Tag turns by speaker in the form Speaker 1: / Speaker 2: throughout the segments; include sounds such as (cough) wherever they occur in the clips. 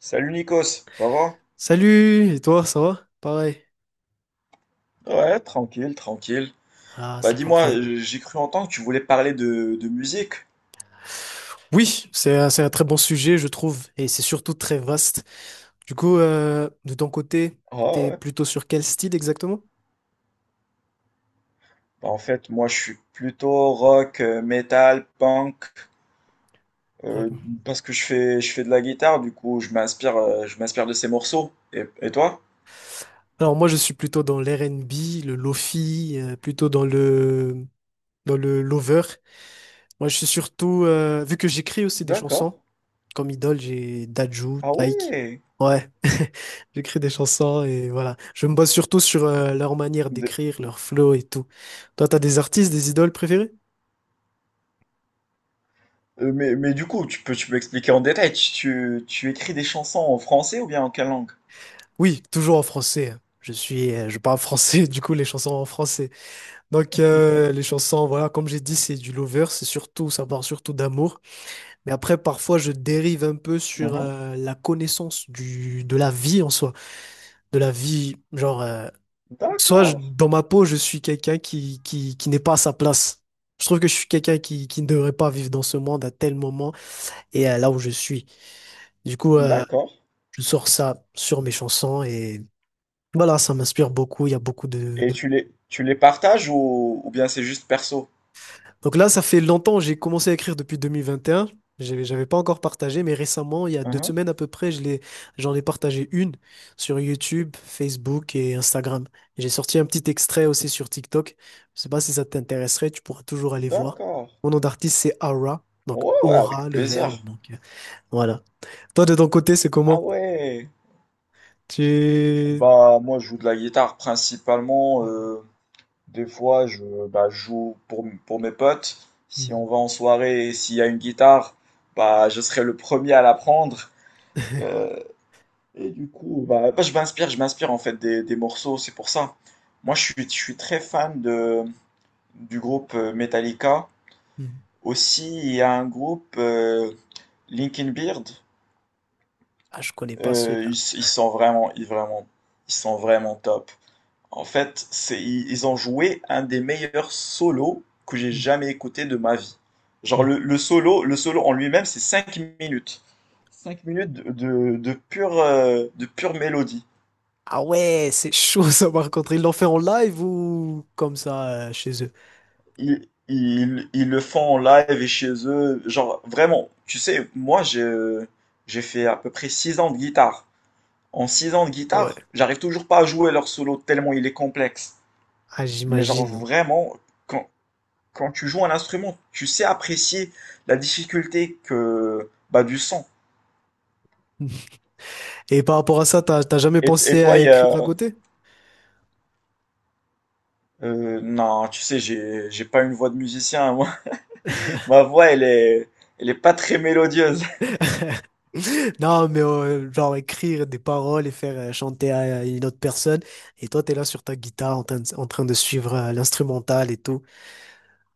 Speaker 1: Salut Nikos, ça va?
Speaker 2: Salut, et toi, ça va? Pareil.
Speaker 1: Ouais, tranquille, tranquille.
Speaker 2: Ah,
Speaker 1: Bah
Speaker 2: c'est
Speaker 1: dis-moi,
Speaker 2: parfait.
Speaker 1: j'ai cru entendre que tu voulais parler de musique.
Speaker 2: Oui, c'est un très bon sujet, je trouve, et c'est surtout très vaste. Du coup, de ton côté,
Speaker 1: Ah
Speaker 2: t'es
Speaker 1: ouais.
Speaker 2: plutôt sur quel style exactement?
Speaker 1: Bah, en fait, moi je suis plutôt rock, metal, punk, euh,
Speaker 2: Raconte.
Speaker 1: parce que je fais de la guitare, du coup je m'inspire, je m'inspire de ces morceaux. Et toi?
Speaker 2: Alors moi, je suis plutôt dans l'R&B, le lofi, plutôt dans le lover. Moi, je suis surtout, vu que j'écris aussi des
Speaker 1: D'accord.
Speaker 2: chansons. Comme idole, j'ai Dadju,
Speaker 1: Ah
Speaker 2: Taïk.
Speaker 1: ouais.
Speaker 2: Ouais, (laughs) j'écris des chansons et voilà. Je me base surtout sur leur manière
Speaker 1: De-
Speaker 2: d'écrire, leur flow et tout. Toi, t'as des artistes, des idoles préférées?
Speaker 1: mais du coup, tu peux expliquer en détail, tu écris des chansons en français ou bien en quelle langue?
Speaker 2: Oui, toujours en français, hein. Je parle français, (laughs) du coup, les chansons en français. Donc, les chansons, voilà, comme j'ai dit, c'est du lover, ça parle surtout d'amour. Mais après, parfois, je dérive un peu sur
Speaker 1: Mhm.
Speaker 2: la connaissance de la vie en soi, de la vie, genre,
Speaker 1: D'accord.
Speaker 2: dans ma peau, je suis quelqu'un qui n'est pas à sa place. Je trouve que je suis quelqu'un qui ne devrait pas vivre dans ce monde à tel moment et là où je suis. Du coup,
Speaker 1: D'accord.
Speaker 2: je sors ça sur mes chansons et voilà, ça m'inspire beaucoup. Il y a beaucoup
Speaker 1: Et
Speaker 2: de
Speaker 1: tu les partages ou bien c'est juste perso?
Speaker 2: Donc là, ça fait longtemps, j'ai commencé à écrire depuis 2021. J'avais pas encore partagé, mais récemment, il y a deux
Speaker 1: Mhm.
Speaker 2: semaines à peu près, j'en ai partagé une sur YouTube, Facebook et Instagram. J'ai sorti un petit extrait aussi sur TikTok. Je sais pas si ça t'intéresserait, tu pourras toujours aller voir.
Speaker 1: D'accord.
Speaker 2: Mon nom d'artiste, c'est Aura, donc
Speaker 1: Ouais, ouais,
Speaker 2: aura,
Speaker 1: avec
Speaker 2: le
Speaker 1: plaisir.
Speaker 2: verbe. Donc voilà. Toi, de ton côté, c'est
Speaker 1: Ah
Speaker 2: comment?
Speaker 1: ouais.
Speaker 2: Tu.
Speaker 1: Bah, moi, je joue de la guitare principalement.
Speaker 2: Mhm.
Speaker 1: Des fois, bah, je joue pour mes potes. Si on
Speaker 2: Mhm.
Speaker 1: va en soirée et s'il y a une guitare, bah, je serai le premier à la prendre.
Speaker 2: (laughs)
Speaker 1: Euh, et du coup, bah, je m'inspire en fait des morceaux, c'est pour ça. Moi, je suis très fan du groupe Metallica.
Speaker 2: Mhm.
Speaker 1: Aussi, il y a un groupe, Linkin Beard,
Speaker 2: Ah, je connais pas celui-là.
Speaker 1: ils ils sont vraiment top. En fait, ils ont joué un des meilleurs solos que j'ai jamais écouté de ma vie. Genre le solo en lui-même, c'est 5 minutes. 5 minutes de pure mélodie.
Speaker 2: Ah ouais, c'est chaud ça par contre. Ils l'ont fait en live ou comme ça chez eux?
Speaker 1: Ils le font en live et chez eux. Genre vraiment, tu sais, moi j'ai fait à peu près 6 ans de guitare. En 6 ans de
Speaker 2: Ah ouais,
Speaker 1: guitare, j'arrive toujours pas à jouer leur solo tellement il est complexe.
Speaker 2: ah,
Speaker 1: Mais genre
Speaker 2: j'imagine.
Speaker 1: vraiment, quand, quand tu joues un instrument, tu sais apprécier la difficulté que bah, du son.
Speaker 2: (laughs) Et par rapport à ça, t'as jamais
Speaker 1: Et
Speaker 2: pensé à
Speaker 1: toi,
Speaker 2: écrire à côté?
Speaker 1: non, tu sais, j'ai pas une voix de musicien. Moi. (laughs) Ma voix, elle est pas très mélodieuse.
Speaker 2: (laughs) Non, mais genre écrire des paroles et faire chanter à une autre personne. Et toi, t'es là sur ta guitare en train de suivre l'instrumental et tout.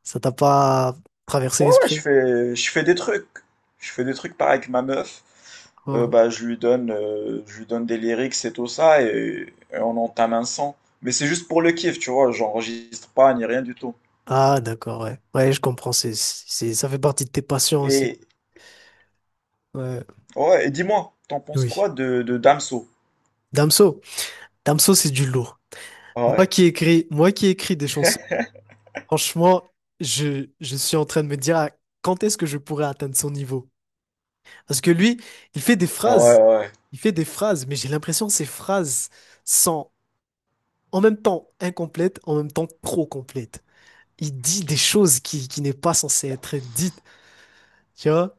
Speaker 2: Ça t'a pas traversé
Speaker 1: Ouais, ouais, je
Speaker 2: l'esprit?
Speaker 1: fais, je fais des trucs. Je fais des trucs pareil avec ma meuf. Euh,
Speaker 2: Hein.
Speaker 1: bah, je lui donne des lyrics et tout ça, et on entame un son. Mais c'est juste pour le kiff, tu vois, j'enregistre pas ni rien du tout.
Speaker 2: Ah, d'accord, ouais. Ouais, je comprends. Ça fait partie de tes passions aussi.
Speaker 1: Et,
Speaker 2: Ouais,
Speaker 1: ouais, et dis-moi, t'en penses
Speaker 2: oui.
Speaker 1: quoi de Damso?
Speaker 2: Damso. Damso, c'est du lourd.
Speaker 1: Ah
Speaker 2: Moi
Speaker 1: ouais,
Speaker 2: qui écris, moi qui écris des chansons, franchement, je suis en train de me dire ah, quand est-ce que je pourrais atteindre son niveau? Parce que lui, il fait des
Speaker 1: ah ouais,
Speaker 2: phrases,
Speaker 1: ouais, ouais.
Speaker 2: il fait des phrases, mais j'ai l'impression que ces phrases sont en même temps incomplètes, en même temps trop complètes. Il dit des choses qui n'est pas censé être dites, tu vois?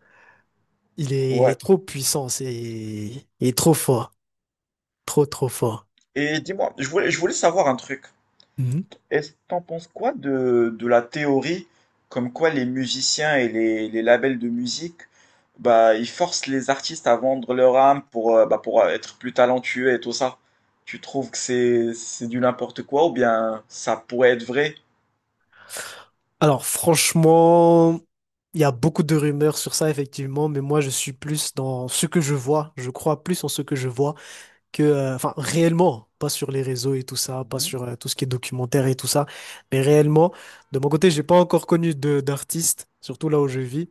Speaker 2: Il est
Speaker 1: Ouais.
Speaker 2: trop puissant, il est trop fort, trop trop fort.
Speaker 1: Et dis-moi, je voulais savoir un truc. Est-ce t'en penses quoi de la théorie comme quoi les musiciens et les labels de musique, bah, ils forcent les artistes à vendre leur âme bah, pour être plus talentueux et tout ça. Tu trouves que c'est du n'importe quoi ou bien ça pourrait être vrai?
Speaker 2: Alors franchement, il y a beaucoup de rumeurs sur ça effectivement, mais moi je suis plus dans ce que je vois, je crois plus en ce que je vois enfin réellement, pas sur les réseaux et tout ça, pas
Speaker 1: Mhm.
Speaker 2: sur tout ce qui est documentaire et tout ça, mais réellement, de mon côté, j'ai pas encore connu de d'artistes, surtout là où je vis,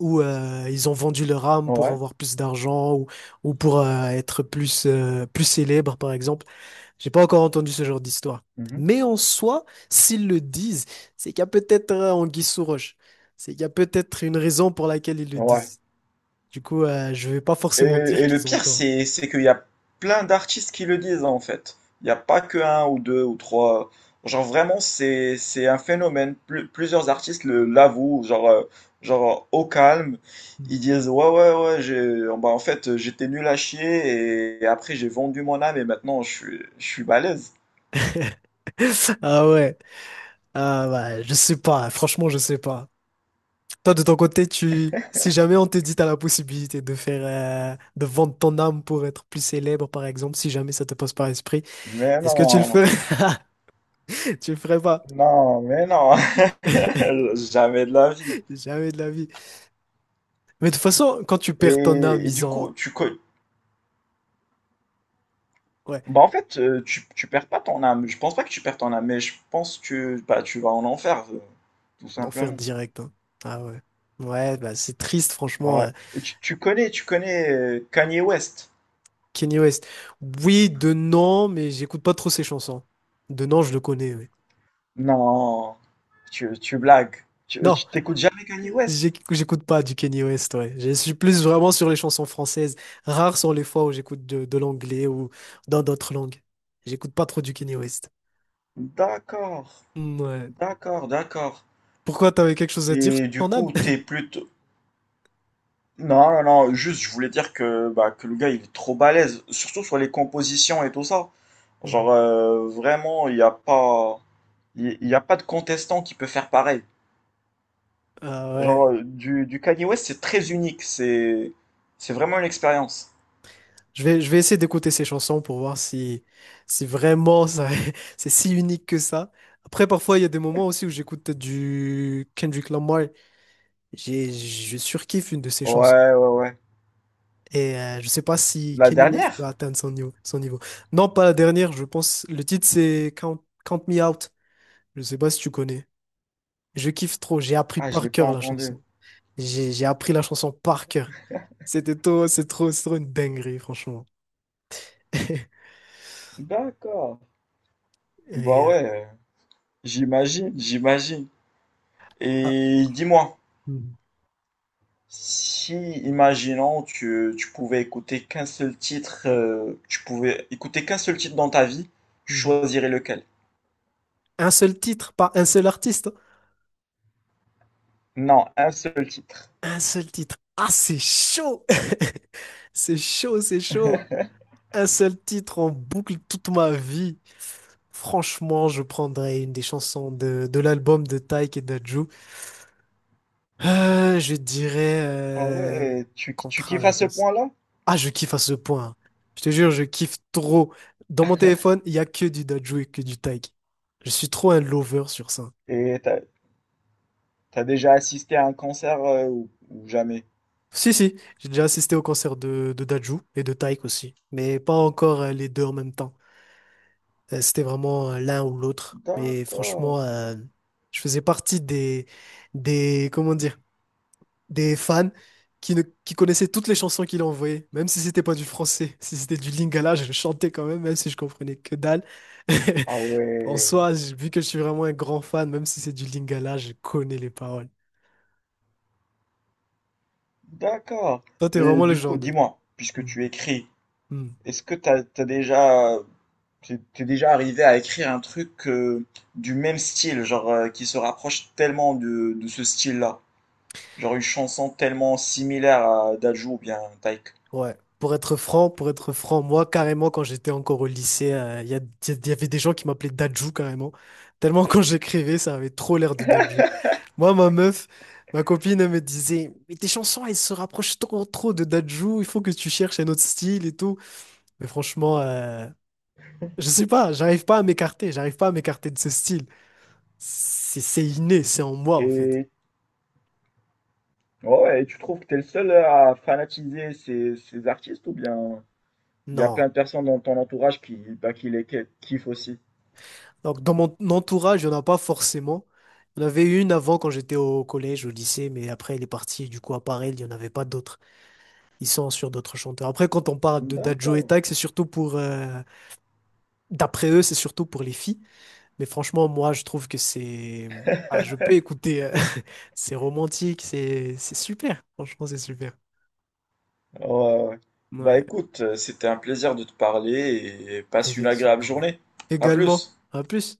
Speaker 2: où ils ont vendu leur âme pour
Speaker 1: Ouais.
Speaker 2: avoir plus d'argent ou pour être plus célèbre par exemple. J'ai pas encore entendu ce genre d'histoire.
Speaker 1: Mhm.
Speaker 2: Mais en soi, s'ils le disent, c'est qu'il y a peut-être un guise sous roche. C'est qu'il y a peut-être une raison pour laquelle ils le
Speaker 1: Ouais.
Speaker 2: disent. Du coup, je vais pas
Speaker 1: Et,
Speaker 2: forcément dire
Speaker 1: et le
Speaker 2: qu'ils ont
Speaker 1: pire,
Speaker 2: tort.
Speaker 1: c'est qu'il y a plein d'artistes qui le disent, hein, en fait. Il n'y a pas que un ou deux ou trois. Genre, vraiment, c'est un phénomène. Plusieurs artistes l'avouent, genre, au calme. Ils
Speaker 2: (laughs)
Speaker 1: disent, ouais, ouais, ouais, oh, bah, en fait, j'étais nul à chier et, après, j'ai vendu mon âme et maintenant, je suis balèze.
Speaker 2: Ah ouais. Ah bah, je sais pas. Franchement, je sais pas. Toi, de ton côté, si jamais on te dit t'as la possibilité de vendre ton âme pour être plus célèbre, par exemple, si jamais ça te passe par l'esprit,
Speaker 1: Mais
Speaker 2: est-ce que tu le ferais?
Speaker 1: non,
Speaker 2: (laughs) Tu le ferais pas.
Speaker 1: non, mais non, (laughs) jamais de la vie.
Speaker 2: Jamais de la vie. Mais de toute façon, quand tu
Speaker 1: Et,
Speaker 2: perds ton âme,
Speaker 1: et
Speaker 2: ils
Speaker 1: du
Speaker 2: ont,
Speaker 1: coup,
Speaker 2: ouais.
Speaker 1: bah en fait, tu perds pas ton âme. Je pense pas que tu perds ton âme, mais je pense que bah, tu vas en enfer, tout
Speaker 2: En enfer
Speaker 1: simplement.
Speaker 2: direct, hein. Ah ouais. Ouais, bah c'est triste, franchement.
Speaker 1: Ouais. Et tu connais Kanye West?
Speaker 2: Kanye West. Oui, de non, mais j'écoute pas trop ses chansons. De non, je le connais, oui.
Speaker 1: Non, tu blagues. Tu,
Speaker 2: Non,
Speaker 1: tu t'écoutes jamais Kanye West?
Speaker 2: j'écoute pas du Kanye West, ouais. Je suis plus vraiment sur les chansons françaises. Rares sont les fois où j'écoute de l'anglais ou dans d'autres langues. J'écoute pas trop du Kanye West.
Speaker 1: D'accord,
Speaker 2: Mm, ouais.
Speaker 1: d'accord, d'accord.
Speaker 2: Pourquoi t'avais quelque chose à dire sur
Speaker 1: Et du
Speaker 2: ton âme?
Speaker 1: coup, t'es plus non, non, non, juste je voulais dire que, bah, que le gars il est trop balèze, surtout sur les compositions et tout ça. Genre
Speaker 2: (laughs)
Speaker 1: vraiment, il y a pas de contestant qui peut faire pareil.
Speaker 2: Ah ouais.
Speaker 1: Genre du Kanye West c'est très unique, c'est vraiment une expérience.
Speaker 2: Je vais essayer d'écouter ces chansons pour voir si vraiment (laughs) c'est si unique que ça. Après, parfois, il y a des moments aussi où j'écoute du Kendrick Lamar. Je surkiffe une de ses chansons.
Speaker 1: Ouais, ouais, ouais.
Speaker 2: Je sais pas si
Speaker 1: La
Speaker 2: Kanye West
Speaker 1: dernière?
Speaker 2: va atteindre son niveau. Non, pas la dernière, je pense. Le titre, c'est Count Me Out. Je sais pas si tu connais. Je kiffe trop. J'ai appris
Speaker 1: Ah, je
Speaker 2: par
Speaker 1: l'ai pas
Speaker 2: cœur la
Speaker 1: entendue.
Speaker 2: chanson. J'ai appris la chanson par cœur. C'est trop une dinguerie, franchement. (laughs)
Speaker 1: D'accord. Bah
Speaker 2: Et,
Speaker 1: ouais, j'imagine, j'imagine.
Speaker 2: ah.
Speaker 1: Et dis-moi. Si, imaginons, tu pouvais écouter qu'un seul titre dans ta vie, tu
Speaker 2: Mhm.
Speaker 1: choisirais lequel?
Speaker 2: Un seul titre, pas un seul artiste.
Speaker 1: Non, un seul titre.
Speaker 2: Un seul titre. Ah, c'est chaud! (laughs) C'est chaud, c'est chaud. Un seul titre en boucle toute ma vie. Franchement, je prendrais une des chansons de l'album de Tyke et d'Adju. Je dirais
Speaker 1: Ah ouais, tu
Speaker 2: Contra,
Speaker 1: kiffes
Speaker 2: je
Speaker 1: à ce
Speaker 2: pense.
Speaker 1: point-là?
Speaker 2: Ah, je kiffe à ce point, hein. Je te jure, je kiffe trop. Dans mon téléphone, il y a que du d'Adju et que du Tyke. Je suis trop un lover sur ça.
Speaker 1: Et t'as déjà assisté à un concert ou jamais?
Speaker 2: Si, si, j'ai déjà assisté au concert de Dajou et de Taïk aussi, mais pas encore les deux en même temps. C'était vraiment l'un ou l'autre. Mais
Speaker 1: D'accord.
Speaker 2: franchement, je faisais partie des, comment dire, des fans qui, ne, qui connaissaient toutes les chansons qu'il envoyait, même si c'était pas du français, (laughs) si c'était du Lingala, je le chantais quand même, même si je comprenais que dalle. (laughs)
Speaker 1: Ah
Speaker 2: En
Speaker 1: ouais,
Speaker 2: soi, vu que je suis vraiment un grand fan, même si c'est du Lingala, je connais les paroles.
Speaker 1: d'accord.
Speaker 2: Toi, t'es
Speaker 1: Mais
Speaker 2: vraiment le
Speaker 1: du coup,
Speaker 2: genre de.
Speaker 1: dis-moi, puisque
Speaker 2: Hmm,
Speaker 1: tu écris,
Speaker 2: hmm.
Speaker 1: est-ce que t'es déjà arrivé à écrire un truc du même style, genre qui se rapproche tellement de ce style-là. Genre une chanson tellement similaire à Dajou ou bien Taïk.
Speaker 2: Ouais, pour être franc, moi carrément quand j'étais encore au lycée, il y avait des gens qui m'appelaient Dadju carrément. Tellement quand j'écrivais, ça avait trop l'air de Dadju. Moi, ma meuf, ma copine, elle me disait, mais tes chansons, elles se rapprochent trop, trop de Dadju, il faut que tu cherches un autre style et tout. Mais franchement, je sais pas, j'arrive pas à m'écarter, j'arrive pas à m'écarter de ce style. C'est inné, c'est en moi en fait.
Speaker 1: Et ouais, ouais, et tu trouves que t'es le seul à fanatiser ces artistes ou bien il y a
Speaker 2: Non.
Speaker 1: plein de personnes dans ton entourage bah, qui les kiffent aussi?
Speaker 2: Donc, dans mon entourage, il n'y en a pas forcément. Il y en avait une avant quand j'étais au collège, au lycée, mais après, elle est partie. Du coup, à part elle, il n'y en avait pas d'autres. Ils sont sur d'autres chanteurs. Après, quand on parle de Dadjo et
Speaker 1: D'accord.
Speaker 2: Tag, c'est surtout pour. D'après eux, c'est surtout pour les filles. Mais franchement, moi, je trouve que c'est. Ah, je peux écouter. (laughs) C'est romantique, c'est super. Franchement, c'est super.
Speaker 1: Ouais, ouais. Bah
Speaker 2: Ouais,
Speaker 1: écoute, c'était un plaisir de te parler et passe une agréable
Speaker 2: effectivement, ouais.
Speaker 1: journée. À
Speaker 2: Également.
Speaker 1: plus.
Speaker 2: À plus.